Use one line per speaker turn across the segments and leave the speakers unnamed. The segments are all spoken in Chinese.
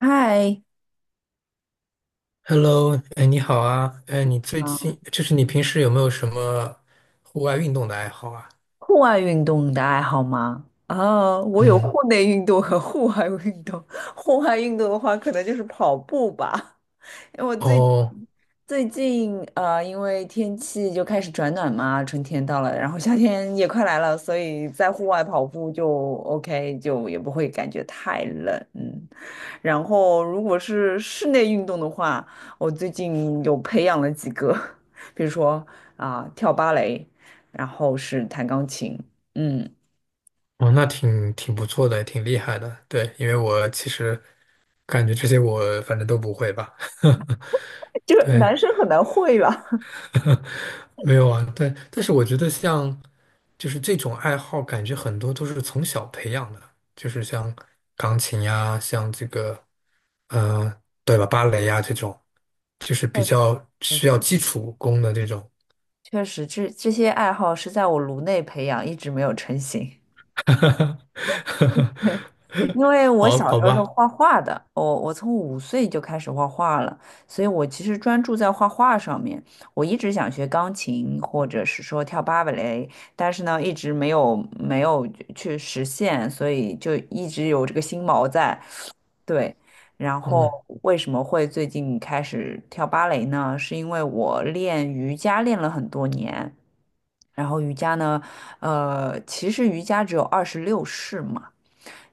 嗨，
Hello，哎，你好啊，哎，你最
嗯，
近就是你平时有没有什么户外运动的爱好啊？
户外运动你的爱好吗？啊，我有
嗯，
户内运动和户外运动。户外运动的话，可能就是跑步吧。因为我最
哦，
最近因为天气就开始转暖嘛，春天到了，然后夏天也快来了，所以在户外跑步就 OK，就也不会感觉太冷。嗯，然后如果是室内运动的话，我最近有培养了几个，比如说啊、跳芭蕾，然后是弹钢琴。嗯，
哦，那挺不错的，挺厉害的。对，因为我其实感觉这些我反正都不会吧。
就
对，
男生很难会吧？
没有啊，对，但是我觉得像就是这种爱好，感觉很多都是从小培养的，就是像钢琴呀，像这个。嗯，对吧？芭蕾呀，这种，就是比
确
较
实，
需要基础功的这种。
确实这些爱好是在我颅内培养，一直没有成型。因 为我
好
小
好
时候是
吧，
画画的，我从5岁就开始画画了，所以我其实专注在画画上面。我一直想学钢琴，或者是说跳芭蕾，但是呢，一直没有去实现，所以就一直有这个心锚在。对，然后
嗯
为什么会最近开始跳芭蕾呢？是因为我练瑜伽练了很多年。然后瑜伽呢，其实瑜伽只有26式嘛。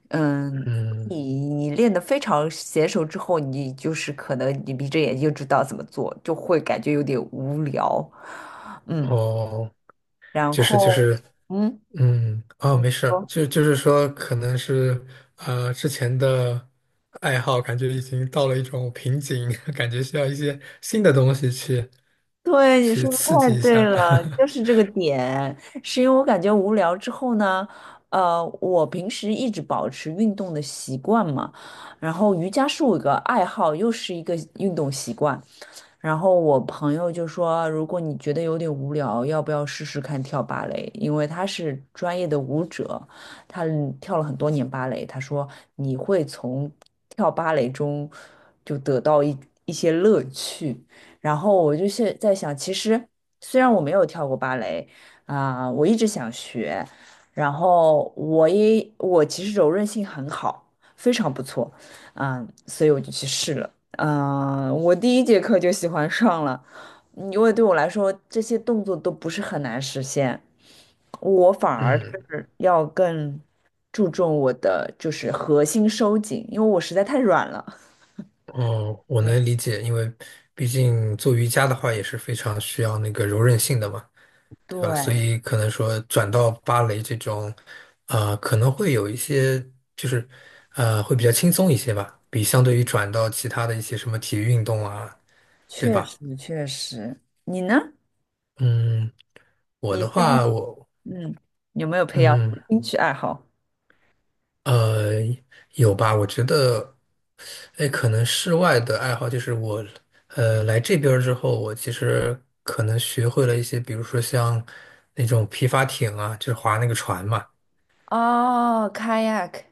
嗯，
嗯，
你练得非常娴熟之后，你就是可能你闭着眼睛就知道怎么做，就会感觉有点无聊。嗯，
哦，
然
就是就
后
是，
嗯。
嗯，哦，没事儿
说
就是说，可能是之前的爱好，感觉已经到了一种瓶颈，感觉需要一些新的东西去
对，你
去
说的
刺
太
激一
对
下。
了，就是 这个点，是因为我感觉无聊之后呢，我平时一直保持运动的习惯嘛，然后瑜伽是我一个爱好，又是一个运动习惯，然后我朋友就说，如果你觉得有点无聊，要不要试试看跳芭蕾？因为他是专业的舞者，他跳了很多年芭蕾。他说你会从跳芭蕾中就得到一些乐趣。然后我就是在想，其实虽然我没有跳过芭蕾啊，我一直想学，然后我其实柔韧性很好，非常不错。嗯，所以我就去试了。嗯，我第一节课就喜欢上了，因为对我来说这些动作都不是很难实现，我反而
嗯。
是要更注重我的就是核心收紧，因为我实在太软了。
哦，我
对，
能理解，因为毕竟做瑜伽的话也是非常需要那个柔韧性的嘛，对吧？所
对，
以可能说转到芭蕾这种，啊、可能会有一些就是，会比较轻松一些吧，比相对于转到其他的一些什么体育运动啊，对
确
吧？
实确实。你呢？
嗯，我
你
的
最近
话，我
嗯有没有培养什
嗯
么兴趣爱好？
呃有吧，我觉得。哎，可能室外的爱好就是我，来这边儿之后，我其实可能学会了一些，比如说像那种皮划艇啊，就是划那个船嘛，
哦，kayak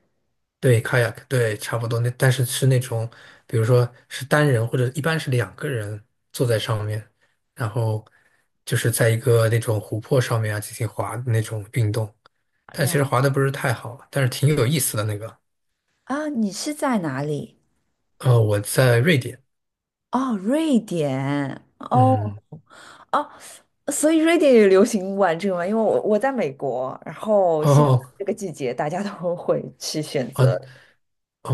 对，kayak，对，差不多那，但是是那种，比如说是单人或者一般是两个人坐在上面，然后就是在一个那种湖泊上面啊进行划的那种运动，但其
了。
实划的不是太好，但是挺有意思的那个。
啊，你是在哪里？
我在瑞典，
哦，瑞典。哦
嗯，
哦，所以瑞典也流行玩这个吗？因为我在美国，然后现在
哦。
这个季节大家都会去选
哦，
择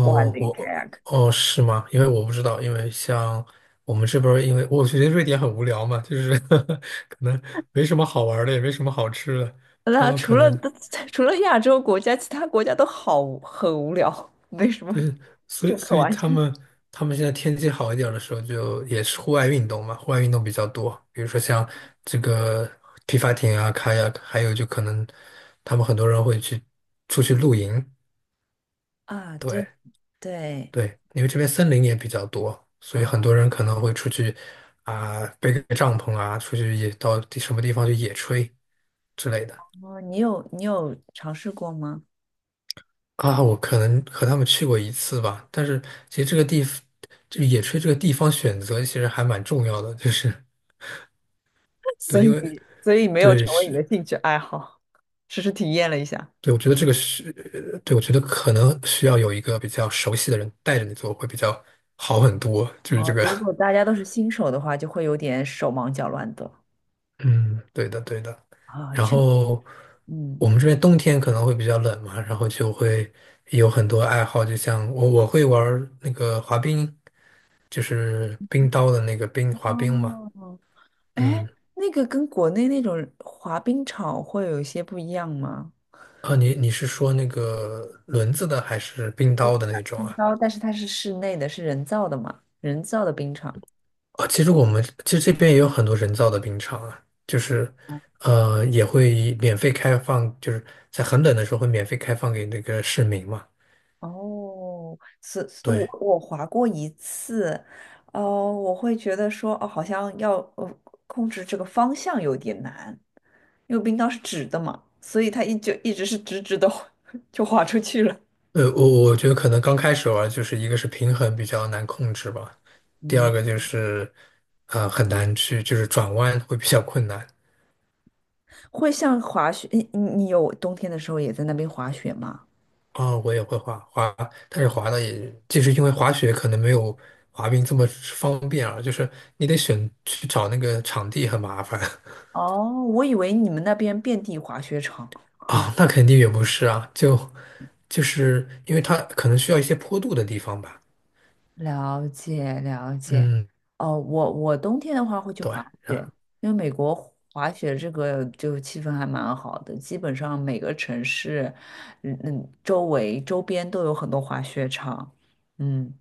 玩这个
我
kayak。
哦是吗？因为我不知道，因为像我们这边儿因为我觉得瑞典很无聊嘛，就是 可能没什么好玩儿的，也没什么好吃的。他
那
们
除
可
了
能，
除了亚洲国家，其他国家都好无很无聊，没什么
所
就
以
可
所以
玩
他
性。
们他们现在天气好一点儿的时候，就也是户外运动嘛，户外运动比较多，比如说像这个皮划艇啊、开 a 还有就可能他们很多人会去出去露营，
啊。对，
对。
对
对，因为这边森林也比较多，所以很多
啊，
人可能会出去啊，背个帐篷啊，出去野到地什么地方去野炊之类的
哦，你有尝试过吗？
啊。我可能和他们去过一次吧，但是其实这个地这个野炊这个地方选择其实还蛮重要的，就是 对，
所
因
以
为
所以没有
对
成为你的
是，
兴趣爱好，只是体验了一下。
对我觉得这个是，对我觉得可能需要有一个比较熟悉的人带着你做会比较好很多，就是这
哦，
个。
如果大家都是新手的话，就会有点手忙脚乱的
嗯，对的，对的。
啊。
然
确，
后
嗯，
我们这边冬天可能会比较冷嘛，然后就会有很多爱好，就像我会玩儿那个滑冰，就是冰刀的那个滑冰嘛。
哦，
嗯，
哎，那个跟国内那种滑冰场会有一些不一样吗？
啊，你是说那个轮子的还是冰刀的那种
冰
啊？
刀，但是它是室内的，是人造的嘛？人造的冰场。
啊，其实我们其实这边也有很多人造的冰场啊，就是
哦，
也会免费开放，就是在很冷的时候会免费开放给那个市民嘛。
哦，是，是我
对。
我滑过一次。哦，我会觉得说，哦，好像要控制这个方向有点难，因为冰刀是直的嘛，所以它一直是直直的 就滑出去了。
我觉得可能刚开始玩，就是一个是平衡比较难控制吧，第二
嗯，
个就是，很难去就是转弯会比较困难。
会像滑雪，你有冬天的时候也在那边滑雪吗？
啊，我也会滑滑，但是滑的也就是因为滑雪可能没有滑冰这么方便啊，就是你得去找那个场地很麻烦
哦，我以为你们那边遍地滑雪场。嗯，
啊，那肯定也不是啊，就是因为它可能需要一些坡度的地方吧。
了解了解。
嗯，
哦，我冬天的话会去
对，
滑雪，
啊，
因为美国滑雪这个就气氛还蛮好的，基本上每个城市，嗯嗯，周边都有很多滑雪场。嗯，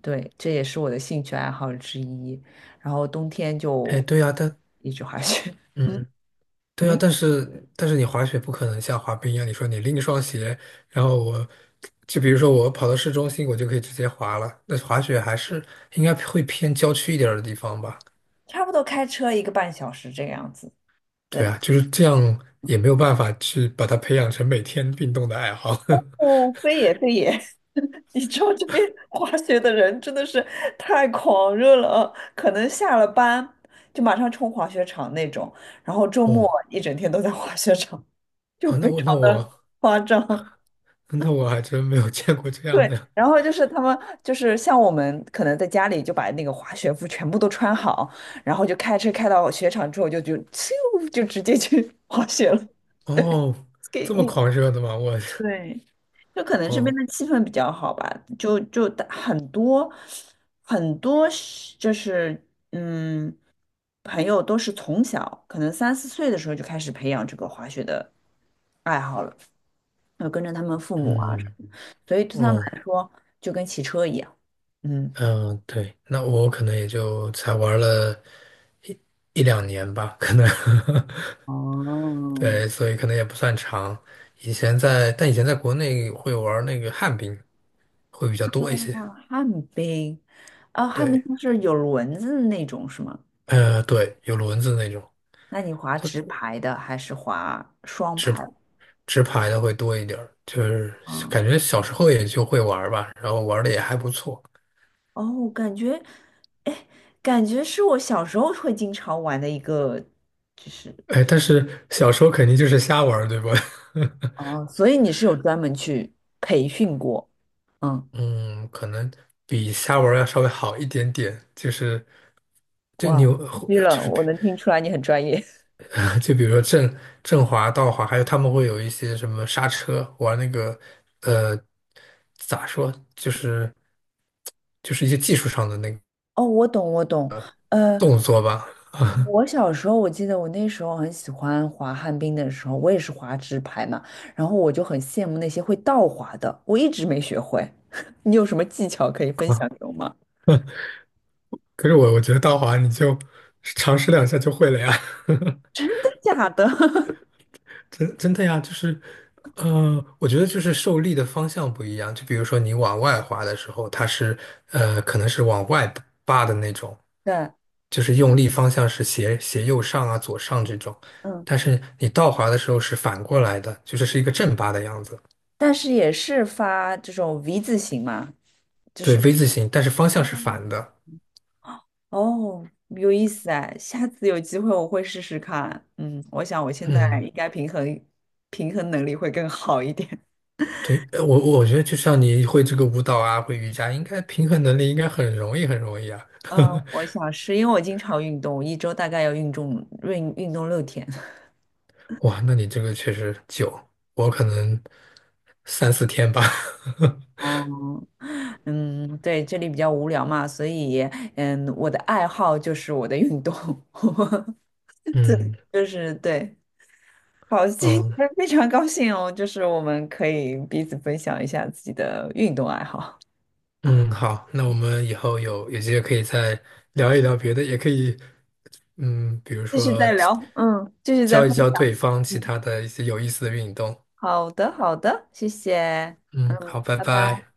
对，这也是我的兴趣爱好之一。然后冬天
哎，
就
对啊，但
一直滑雪。
嗯。对啊，
嗯。
但是你滑雪不可能像滑冰一样，你说你拎一双鞋，然后我就比如说我跑到市中心，我就可以直接滑了。那滑雪还是应该会偏郊区一点儿的地方吧？
差不多开车1个半小时这个样子。
对
对，
啊，就是这样，也没有办法去把它培养成每天运动的爱好。
哦，非也非也。你知道这边 滑雪的人真的是太狂热了啊，可能下了班就马上冲滑雪场那种，然后周末
哦
一整天都在滑雪场，就
哦，
非
那我
常
那
的
我
夸张。
那我还真没有见过这样
对，
的
然后就是他们就是像我们可能在家里就把那个滑雪服全部都穿好，然后就开车开到雪场之后就咻就直接去滑雪了。
哦，
对，给
这么狂热的吗？我
对，就可能 这边
哦
的气氛比较好吧，就就大很多是就是嗯，朋友都是从小可能3、4岁的时候就开始培养这个滑雪的爱好了，要跟着他们父母啊什
嗯
么的，所以对他们
哦。
来说就跟骑车一样。嗯，
嗯，对，那我可能也就才玩了一一两年吧，可能，
哦，
对，所以可能也不算长。以前在，但以前在国内会玩那个旱冰，会比较多一些。
旱冰，啊，旱冰
对，
就是有轮子的那种是吗？
对，有轮子那种，
那你滑
它
直排的还是滑双排？
直排的会多一点儿就是
啊，
感觉小时候也就会玩儿吧，然后玩的也还不错。
哦，感觉，哎，感觉是我小时候会经常玩的一个，就是
哎，但是小时候肯定就是瞎玩儿对吧？
哦，所以你是有专门去培训过。嗯，
嗯，可能比虾玩要稍微好一点点，就是，就
哇，
你有
虚
就
了，
是比
我能听出来你很专业。
就比如说正滑倒滑，还有他们会有一些什么刹车，玩那个，呃，咋说，就是一些技术上的那个
哦，我懂，我懂。呃，
动作吧。啊。
我小时候我记得我那时候很喜欢滑旱冰的时候，我也是滑直排嘛，然后我就很羡慕那些会倒滑的，我一直没学会。你有什么技巧可以分享给我吗？
可是我觉得道华你就尝试两下就会了呀。
真的假的？
真的呀，就是，我觉得就是受力的方向不一样。就比如说你往外滑的时候，它是可能是往外扒的那种，
对，
就是用力方向是斜斜右上啊、左上这种。
嗯。
但是你倒滑的时候是反过来的，就是是一个正八的样子，
但是也是发这种 V 字形嘛。
对，V 字形，但是方向是反的。
哦，有意思哎，下次有机会我会试试看。嗯，我想我现在
嗯，
应该平衡能力会更好一点。
对，我觉得就像你会这个舞蹈啊，会瑜伽，应该平衡能力应该很容易很容易啊。
嗯，我想是因为我经常运动，一周大概要运动6天。
哇，那你这个确实久，我可能三四天吧。
哦，嗯，对，这里比较无聊嘛，所以嗯，我的爱好就是我的运动。对，
嗯
就是对，好，今
嗯
天 非常高兴哦，就是我们可以彼此分享一下自己的运动爱好，
嗯，好，那我们以后有机会可以再聊一聊别的，也可以，嗯，比如
继续
说
再聊，嗯，继续再
教一
分，
教对方其
嗯，
他的一些有意思的运动。
好的，好的，谢谢，
嗯，好，拜
拜拜。
拜。